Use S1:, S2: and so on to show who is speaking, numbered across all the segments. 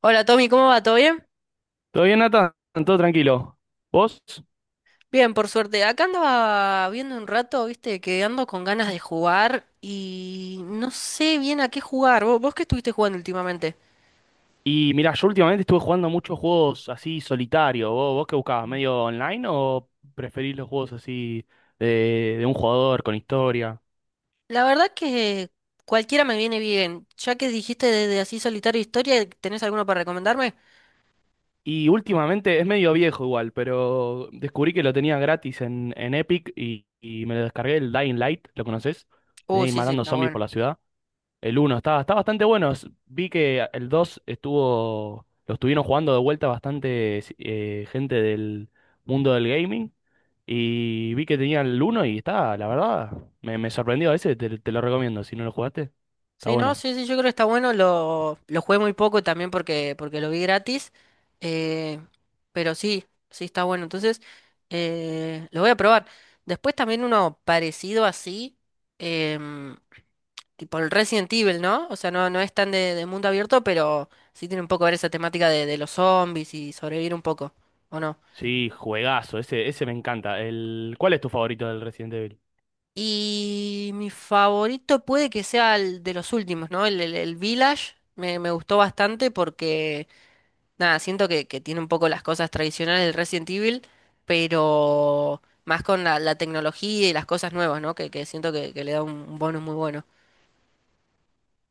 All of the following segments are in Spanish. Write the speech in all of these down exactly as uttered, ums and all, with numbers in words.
S1: Hola Tommy, ¿cómo va? ¿Todo bien?
S2: ¿Todo bien, Nathan? ¿Todo tranquilo? ¿Vos?
S1: Bien, por suerte. Acá andaba viendo un rato, viste, que ando con ganas de jugar y no sé bien a qué jugar. ¿Vos, vos qué estuviste jugando últimamente?
S2: Y mirá, yo últimamente estuve jugando muchos juegos así solitario. ¿Vos, vos qué buscabas? ¿Medio online o preferís los juegos así de, de un jugador con historia?
S1: La verdad que cualquiera me viene bien. Ya que dijiste de, de así solitario historia, ¿tenés alguno para recomendarme?
S2: Y últimamente es medio viejo igual, pero descubrí que lo tenía gratis en, en Epic y, y me lo descargué el Dying Light, ¿lo conocés? De
S1: Oh,
S2: ir
S1: sí, sí,
S2: matando
S1: está
S2: zombies
S1: bueno.
S2: por la ciudad. El uno está, está bastante bueno. S- Vi que el dos estuvo, lo estuvieron jugando de vuelta bastante si, eh, gente del mundo del gaming. Y vi que tenía el uno y está, la verdad, me, me sorprendió. Ese te, te lo recomiendo, si no lo jugaste. Está
S1: Sí, no,
S2: bueno.
S1: sí, sí, yo creo que está bueno. Lo, lo jugué muy poco también porque, porque lo vi gratis. eh, pero sí, sí está bueno. Entonces, eh, lo voy a probar. Después también uno parecido así, em, tipo el Resident Evil, ¿no? O sea, no, no es tan de, de mundo abierto, pero sí tiene un poco que ver esa temática de, de los zombies y sobrevivir un poco, ¿o no?
S2: Sí, juegazo, ese, ese me encanta. El, ¿cuál es tu favorito del Resident Evil?
S1: Y mi favorito puede que sea el de los últimos, ¿no? El, el, el Village me, me gustó bastante porque nada, siento que, que tiene un poco las cosas tradicionales del Resident Evil, pero más con la, la tecnología y las cosas nuevas, ¿no? Que, que siento que, que le da un, un bonus muy bueno.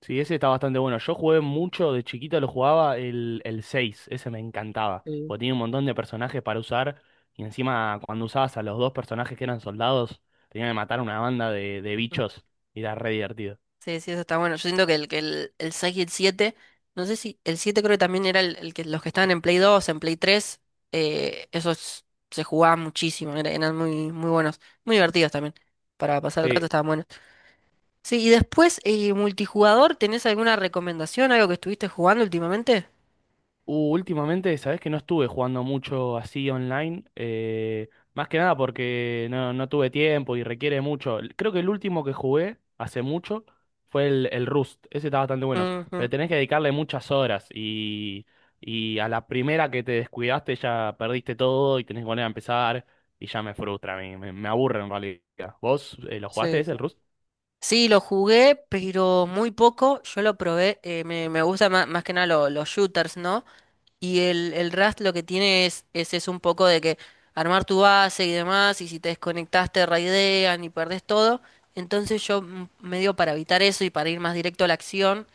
S2: Sí, ese está bastante bueno. Yo jugué mucho, de chiquito lo jugaba el, el seis. Ese me encantaba,
S1: Sí.
S2: porque tenía un montón de personajes para usar y encima cuando usabas a los dos personajes que eran soldados, tenían que matar una banda de, de bichos y era re divertido.
S1: Sí, sí, eso está bueno. Yo siento que el, que el, el seis y el siete, no sé si el siete creo que también era el, el que los que estaban en Play dos en Play tres, eh, esos se jugaban muchísimo, era- eran muy, muy buenos, muy divertidos también. Para pasar el rato
S2: Sí,
S1: estaban buenos. Sí, y después, eh, multijugador, ¿tenés alguna recomendación, algo que estuviste jugando últimamente?
S2: Uh, últimamente, sabes que no estuve jugando mucho así online, eh, más que nada porque no, no tuve tiempo y requiere mucho. Creo que el último que jugué hace mucho fue el, el Rust, ese está bastante bueno,
S1: Ujú.
S2: pero tenés que dedicarle muchas horas y, y a la primera que te descuidaste ya perdiste todo y tenés que volver a empezar y ya me frustra, a mí, me, me aburre en realidad. ¿Vos eh, lo jugaste
S1: Sí,
S2: ese,
S1: sí.
S2: el Rust?
S1: Sí, lo jugué, pero muy poco. Yo lo probé. eh, me, me gusta más, más que nada lo- los shooters, ¿no? Y el, el Rust lo que tiene es, es eso un poco de que armar tu base y demás, y si te desconectas te raidean y perdés todo. Entonces yo mm, medio para evitar eso y para ir más directo a la acción,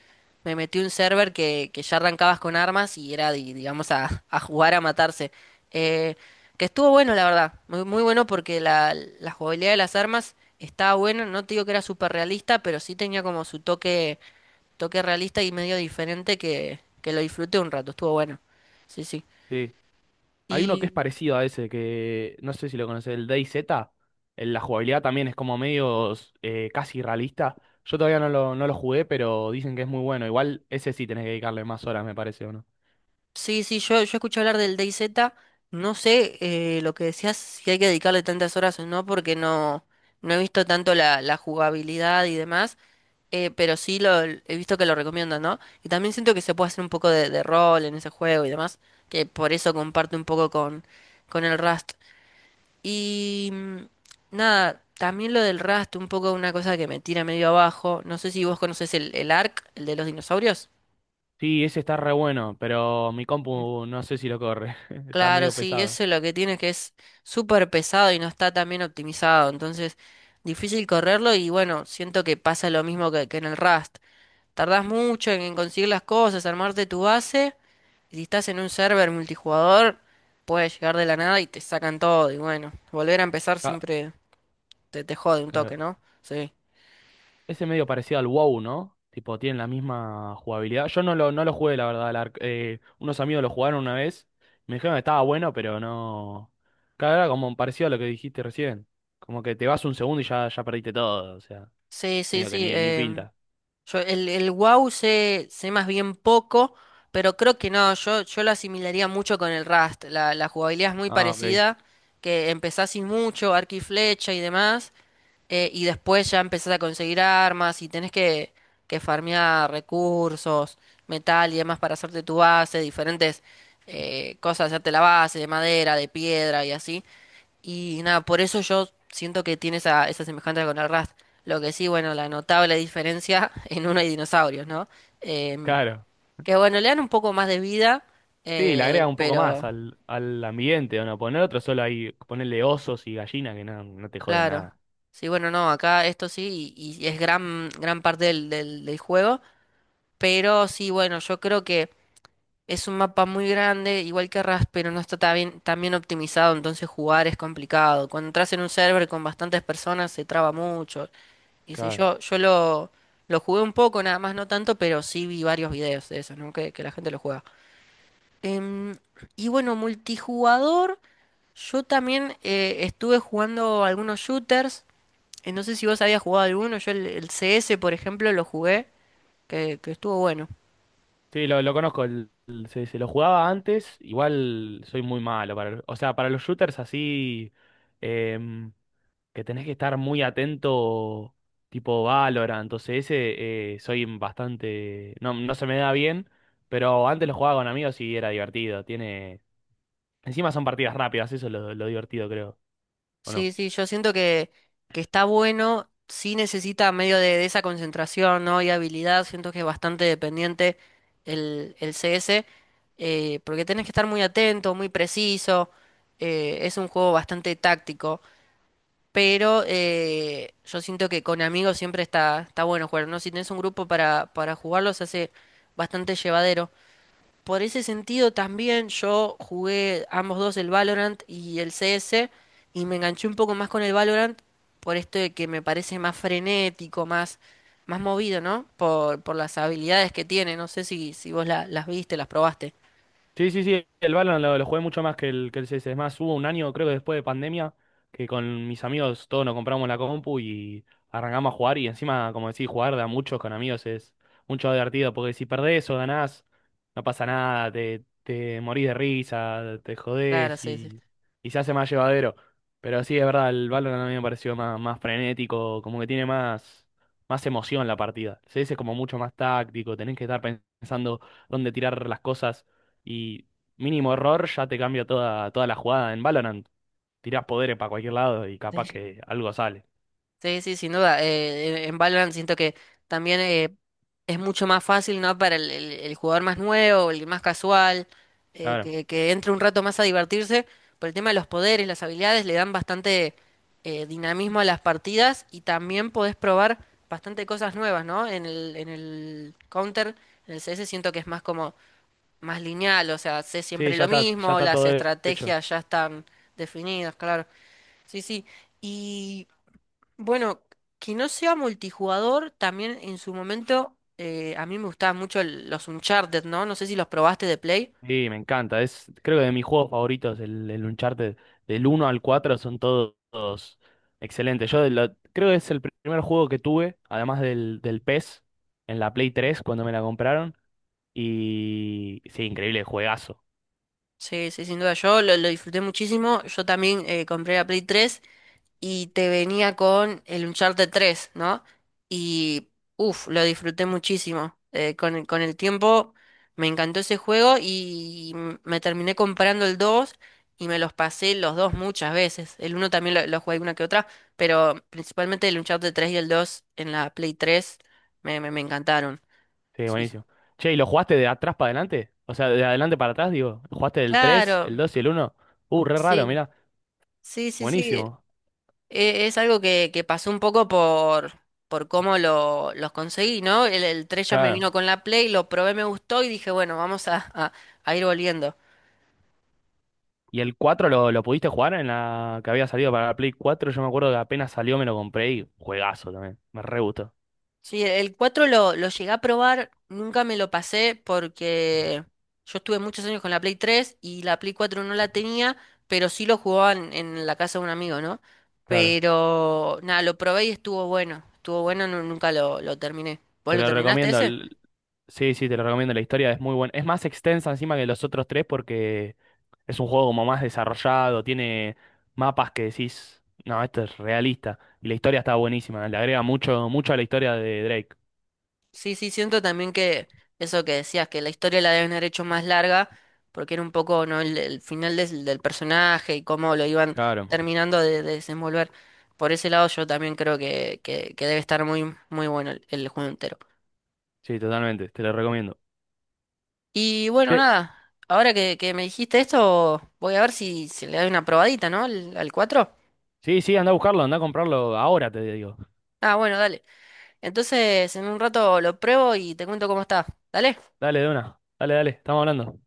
S1: me metí un server que, que ya arrancabas con armas y era, di- digamos, a, a jugar a matarse. Eh, que estuvo bueno, la verdad. Muy, muy bueno porque la, la jugabilidad de las armas estaba buena. No te digo que era súper realista, pero sí tenía como su toque toque realista y medio diferente que, que lo disfruté un rato, estuvo bueno. Sí, sí.
S2: Sí. Hay uno que es
S1: Y
S2: parecido a ese, que no sé si lo conoces, el DayZ. En la jugabilidad también es como medio eh, casi realista. Yo todavía no lo, no lo jugué, pero dicen que es muy bueno. Igual ese sí tenés que dedicarle más horas, me parece, ¿o no?
S1: sí, sí, yo, yo escuché hablar del DayZ, no sé eh, lo que decías, si hay que dedicarle tantas horas o no, porque no, no he visto tanto la, la jugabilidad y demás, eh, pero sí lo he visto que lo recomiendan, ¿no? Y también siento que se puede hacer un poco de, de rol en ese juego y demás, que por eso comparto un poco con, con el Rust. Y mm, nada, también lo del Rust, un poco una cosa que me tira medio abajo. No sé si vos conocés el, el Ark, el de los dinosaurios.
S2: Sí, ese está re bueno, pero mi compu no sé si lo corre. Está
S1: Claro,
S2: medio
S1: sí,
S2: pesado.
S1: eso es lo que tiene que es súper pesado y no está tan bien optimizado, entonces difícil correrlo y bueno, siento que pasa lo mismo que, que en el Rust. Tardás mucho en conseguir las cosas, armarte tu base y si estás en un server multijugador puedes llegar de la nada y te sacan todo y bueno, volver a empezar
S2: Ca-
S1: siempre te, te jode un toque,
S2: claro.
S1: ¿no? Sí.
S2: Ese medio parecido al WoW, ¿no? Tipo, tienen la misma jugabilidad. Yo no lo, no lo jugué, la verdad. Al Ark- eh, unos amigos lo jugaron una vez. Me dijeron que estaba bueno, pero no. Claro, era como parecido a lo que dijiste recién. Como que te vas un segundo y ya, ya perdiste todo. O sea,
S1: Sí, sí,
S2: medio que
S1: sí.
S2: ni, ni
S1: Em,
S2: pinta.
S1: yo el, el wow sé, sé más bien poco, pero creo que no, yo, yo lo asimilaría mucho con el Rust. La, la jugabilidad es muy
S2: Ah, ok.
S1: parecida, que empezás sin mucho, arco y flecha y demás, eh, y después ya empezás a conseguir armas y tenés que, que farmear recursos, metal y demás para hacerte tu base, diferentes eh, cosas, hacerte la base de madera, de piedra y así. Y nada, por eso yo siento que tiene esa, esa semejanza con el Rust. Lo que sí, bueno, la notable diferencia en uno hay dinosaurios, ¿no? Em,
S2: Claro.
S1: que bueno, le dan un poco más de vida,
S2: Sí, le
S1: eh,
S2: agrega un poco
S1: pero
S2: más al, al ambiente, ¿o no? Poner otro solo ahí, ponerle osos y gallinas que no, no te joden
S1: claro.
S2: nada.
S1: Sí, bueno, no, acá esto sí, y, y es gran, gran parte del, del, del juego. Pero sí, bueno, yo creo que es un mapa muy grande, igual que Rust, pero no está tan bien, tan bien optimizado, entonces jugar es complicado. Cuando entras en un server con bastantes personas se traba mucho. Y si
S2: Claro.
S1: yo, yo lo, lo jugué un poco, nada más no tanto, pero sí vi varios videos de eso, ¿no? Que, que la gente lo juega. Em, y bueno, multijugador, yo también eh, estuve jugando algunos shooters. Eh, no sé si vos habías jugado alguno, yo el, el C S, por ejemplo, lo jugué, que, que estuvo bueno.
S2: Sí, lo, lo conozco. El- el- sí, sí, lo jugaba antes. Igual soy muy malo para, el- o sea, para los shooters así em, que tenés que estar muy atento, tipo Valorant. Entonces ese eh, soy bastante, no, no se me da bien, pero antes lo jugaba con amigos y era divertido. Tiene, encima son partidas rápidas, eso es lo, lo divertido, creo. ¿O no?
S1: Sí, sí, yo siento que, que está bueno, sí necesita medio de, de esa concentración, ¿no? Y habilidad, siento que es bastante dependiente el, el C S, eh, porque tenés que estar muy atento, muy preciso, eh, es un juego bastante táctico, pero eh, yo siento que con amigos siempre está, está bueno jugar, ¿no? Si tenés un grupo para, para jugarlo se hace bastante llevadero. Por ese sentido también yo jugué ambos dos el Valorant y el C S y me enganché un poco más con el Valorant por esto de que me parece más frenético, más, más movido, ¿no? Por, por las habilidades que tiene. No sé si, si vos la- las viste, las probaste.
S2: Sí, sí, sí, el Valorant lo, lo jugué mucho más que el, que el C S. Es más, hubo un año, creo que después de pandemia, que con mis amigos todos nos compramos la compu y arrancamos a jugar. Y encima, como decís, jugar de a muchos con amigos es mucho más divertido, porque si perdés o ganás, no pasa nada, te, te morís de risa, te
S1: Claro,
S2: jodés
S1: sí,
S2: y, y se hace más llevadero. Pero sí, es verdad, el Valorant a mí me pareció más, más frenético, como que tiene más, más emoción la partida. El C S es como mucho más táctico, tenés que estar pensando dónde tirar las cosas. Y mínimo error ya te cambia toda, toda la jugada. En Valorant tirás poderes para cualquier lado y capaz
S1: sí.
S2: que algo sale.
S1: Sí, sí, sin duda. Eh, en Valorant siento que también eh, es mucho más fácil, ¿no? Para el, el- el jugador más nuevo, el más casual, eh,
S2: Claro.
S1: que, que entre un rato más a divertirse. Por el tema de los poderes, las habilidades, le dan bastante eh, dinamismo a las partidas y también podés probar bastante cosas nuevas, ¿no? En el, en el Counter, en el C S, siento que es más como más lineal, o sea, sé
S2: Sí,
S1: siempre
S2: ya
S1: lo
S2: está, ya
S1: mismo,
S2: está
S1: las
S2: todo hecho.
S1: estrategias ya están definidas, claro. Sí, sí. Bueno, que no sea multijugador, también en su momento eh, a mí me gustaban mucho el- los Uncharted, ¿no? No sé si los probaste de Play.
S2: Sí, me encanta. Es, creo que de mis juegos favoritos, el, el Uncharted, del uno al cuatro son todos, todos excelentes. Yo de la- creo que es el primer juego que tuve, además del, del PES, en la Play tres cuando me la compraron. Y sí, increíble juegazo.
S1: Sí, sí, sin duda yo lo, lo disfruté muchísimo. Yo también eh, compré la Play tres. Y te venía con el Uncharted tres, ¿no? Y uff, lo disfruté muchísimo. Eh, con el, con el tiempo me encantó ese juego y m- me terminé comprando el dos y me los pasé los dos muchas veces. El uno también lo, lo jugué una que otra, pero principalmente el Uncharted tres y el dos en la Play tres me, me, me encantaron.
S2: Sí,
S1: Sí, sí.
S2: buenísimo. Che, ¿y lo jugaste de atrás para adelante? O sea, de adelante para atrás, digo. ¿Lo ¿Jugaste del tres,
S1: Claro,
S2: el dos y el uno? Uh, re raro,
S1: sí.
S2: mirá.
S1: Sí, sí, sí.
S2: Buenísimo.
S1: E- Es algo que, que pasó un poco por, por cómo lo, los conseguí, ¿no? El, el tres ya me
S2: Claro.
S1: vino con la Play, lo probé, me gustó y dije, bueno, vamos a, a- a ir volviendo.
S2: ¿Y el cuatro lo, lo pudiste jugar en la que había salido para la Play cuatro? Yo me acuerdo que apenas salió me lo compré y juegazo también. Me re gustó.
S1: Sí, el cuatro lo, lo llegué a probar, nunca me lo pasé porque yo estuve muchos años con la Play tres y la Play cuatro no la tenía, pero sí lo jugaban en la casa de un amigo, ¿no?
S2: Claro.
S1: Pero nada, lo probé y estuvo bueno, estuvo bueno, nu- nunca lo, lo terminé. ¿Vos
S2: Te
S1: lo
S2: lo
S1: terminaste
S2: recomiendo.
S1: ese?
S2: el- Sí, sí, te lo recomiendo. La historia es muy buena. Es más extensa encima que los otros tres porque es un juego como más desarrollado, tiene mapas que decís, no, esto es realista. Y la historia está buenísima, le agrega mucho, mucho a la historia de Drake.
S1: Sí, sí, siento también que eso que decías, que la historia la deben haber hecho más larga, porque era un poco, ¿no? el, el final del, del personaje y cómo lo iban
S2: Claro.
S1: terminando de, de desenvolver. Por ese lado yo también creo que, que, que debe estar muy, muy bueno el, el juego entero.
S2: Sí, totalmente, te lo recomiendo.
S1: Y bueno, nada, ahora que, que me dijiste esto, voy a ver si, si le doy una probadita, ¿no? Al, al cuatro.
S2: Sí, sí, anda a buscarlo, anda a comprarlo ahora, te digo.
S1: Ah, bueno, dale. Entonces en un rato lo pruebo y te cuento cómo está. ¿Dale?
S2: Dale, de una. Dale, dale, estamos hablando.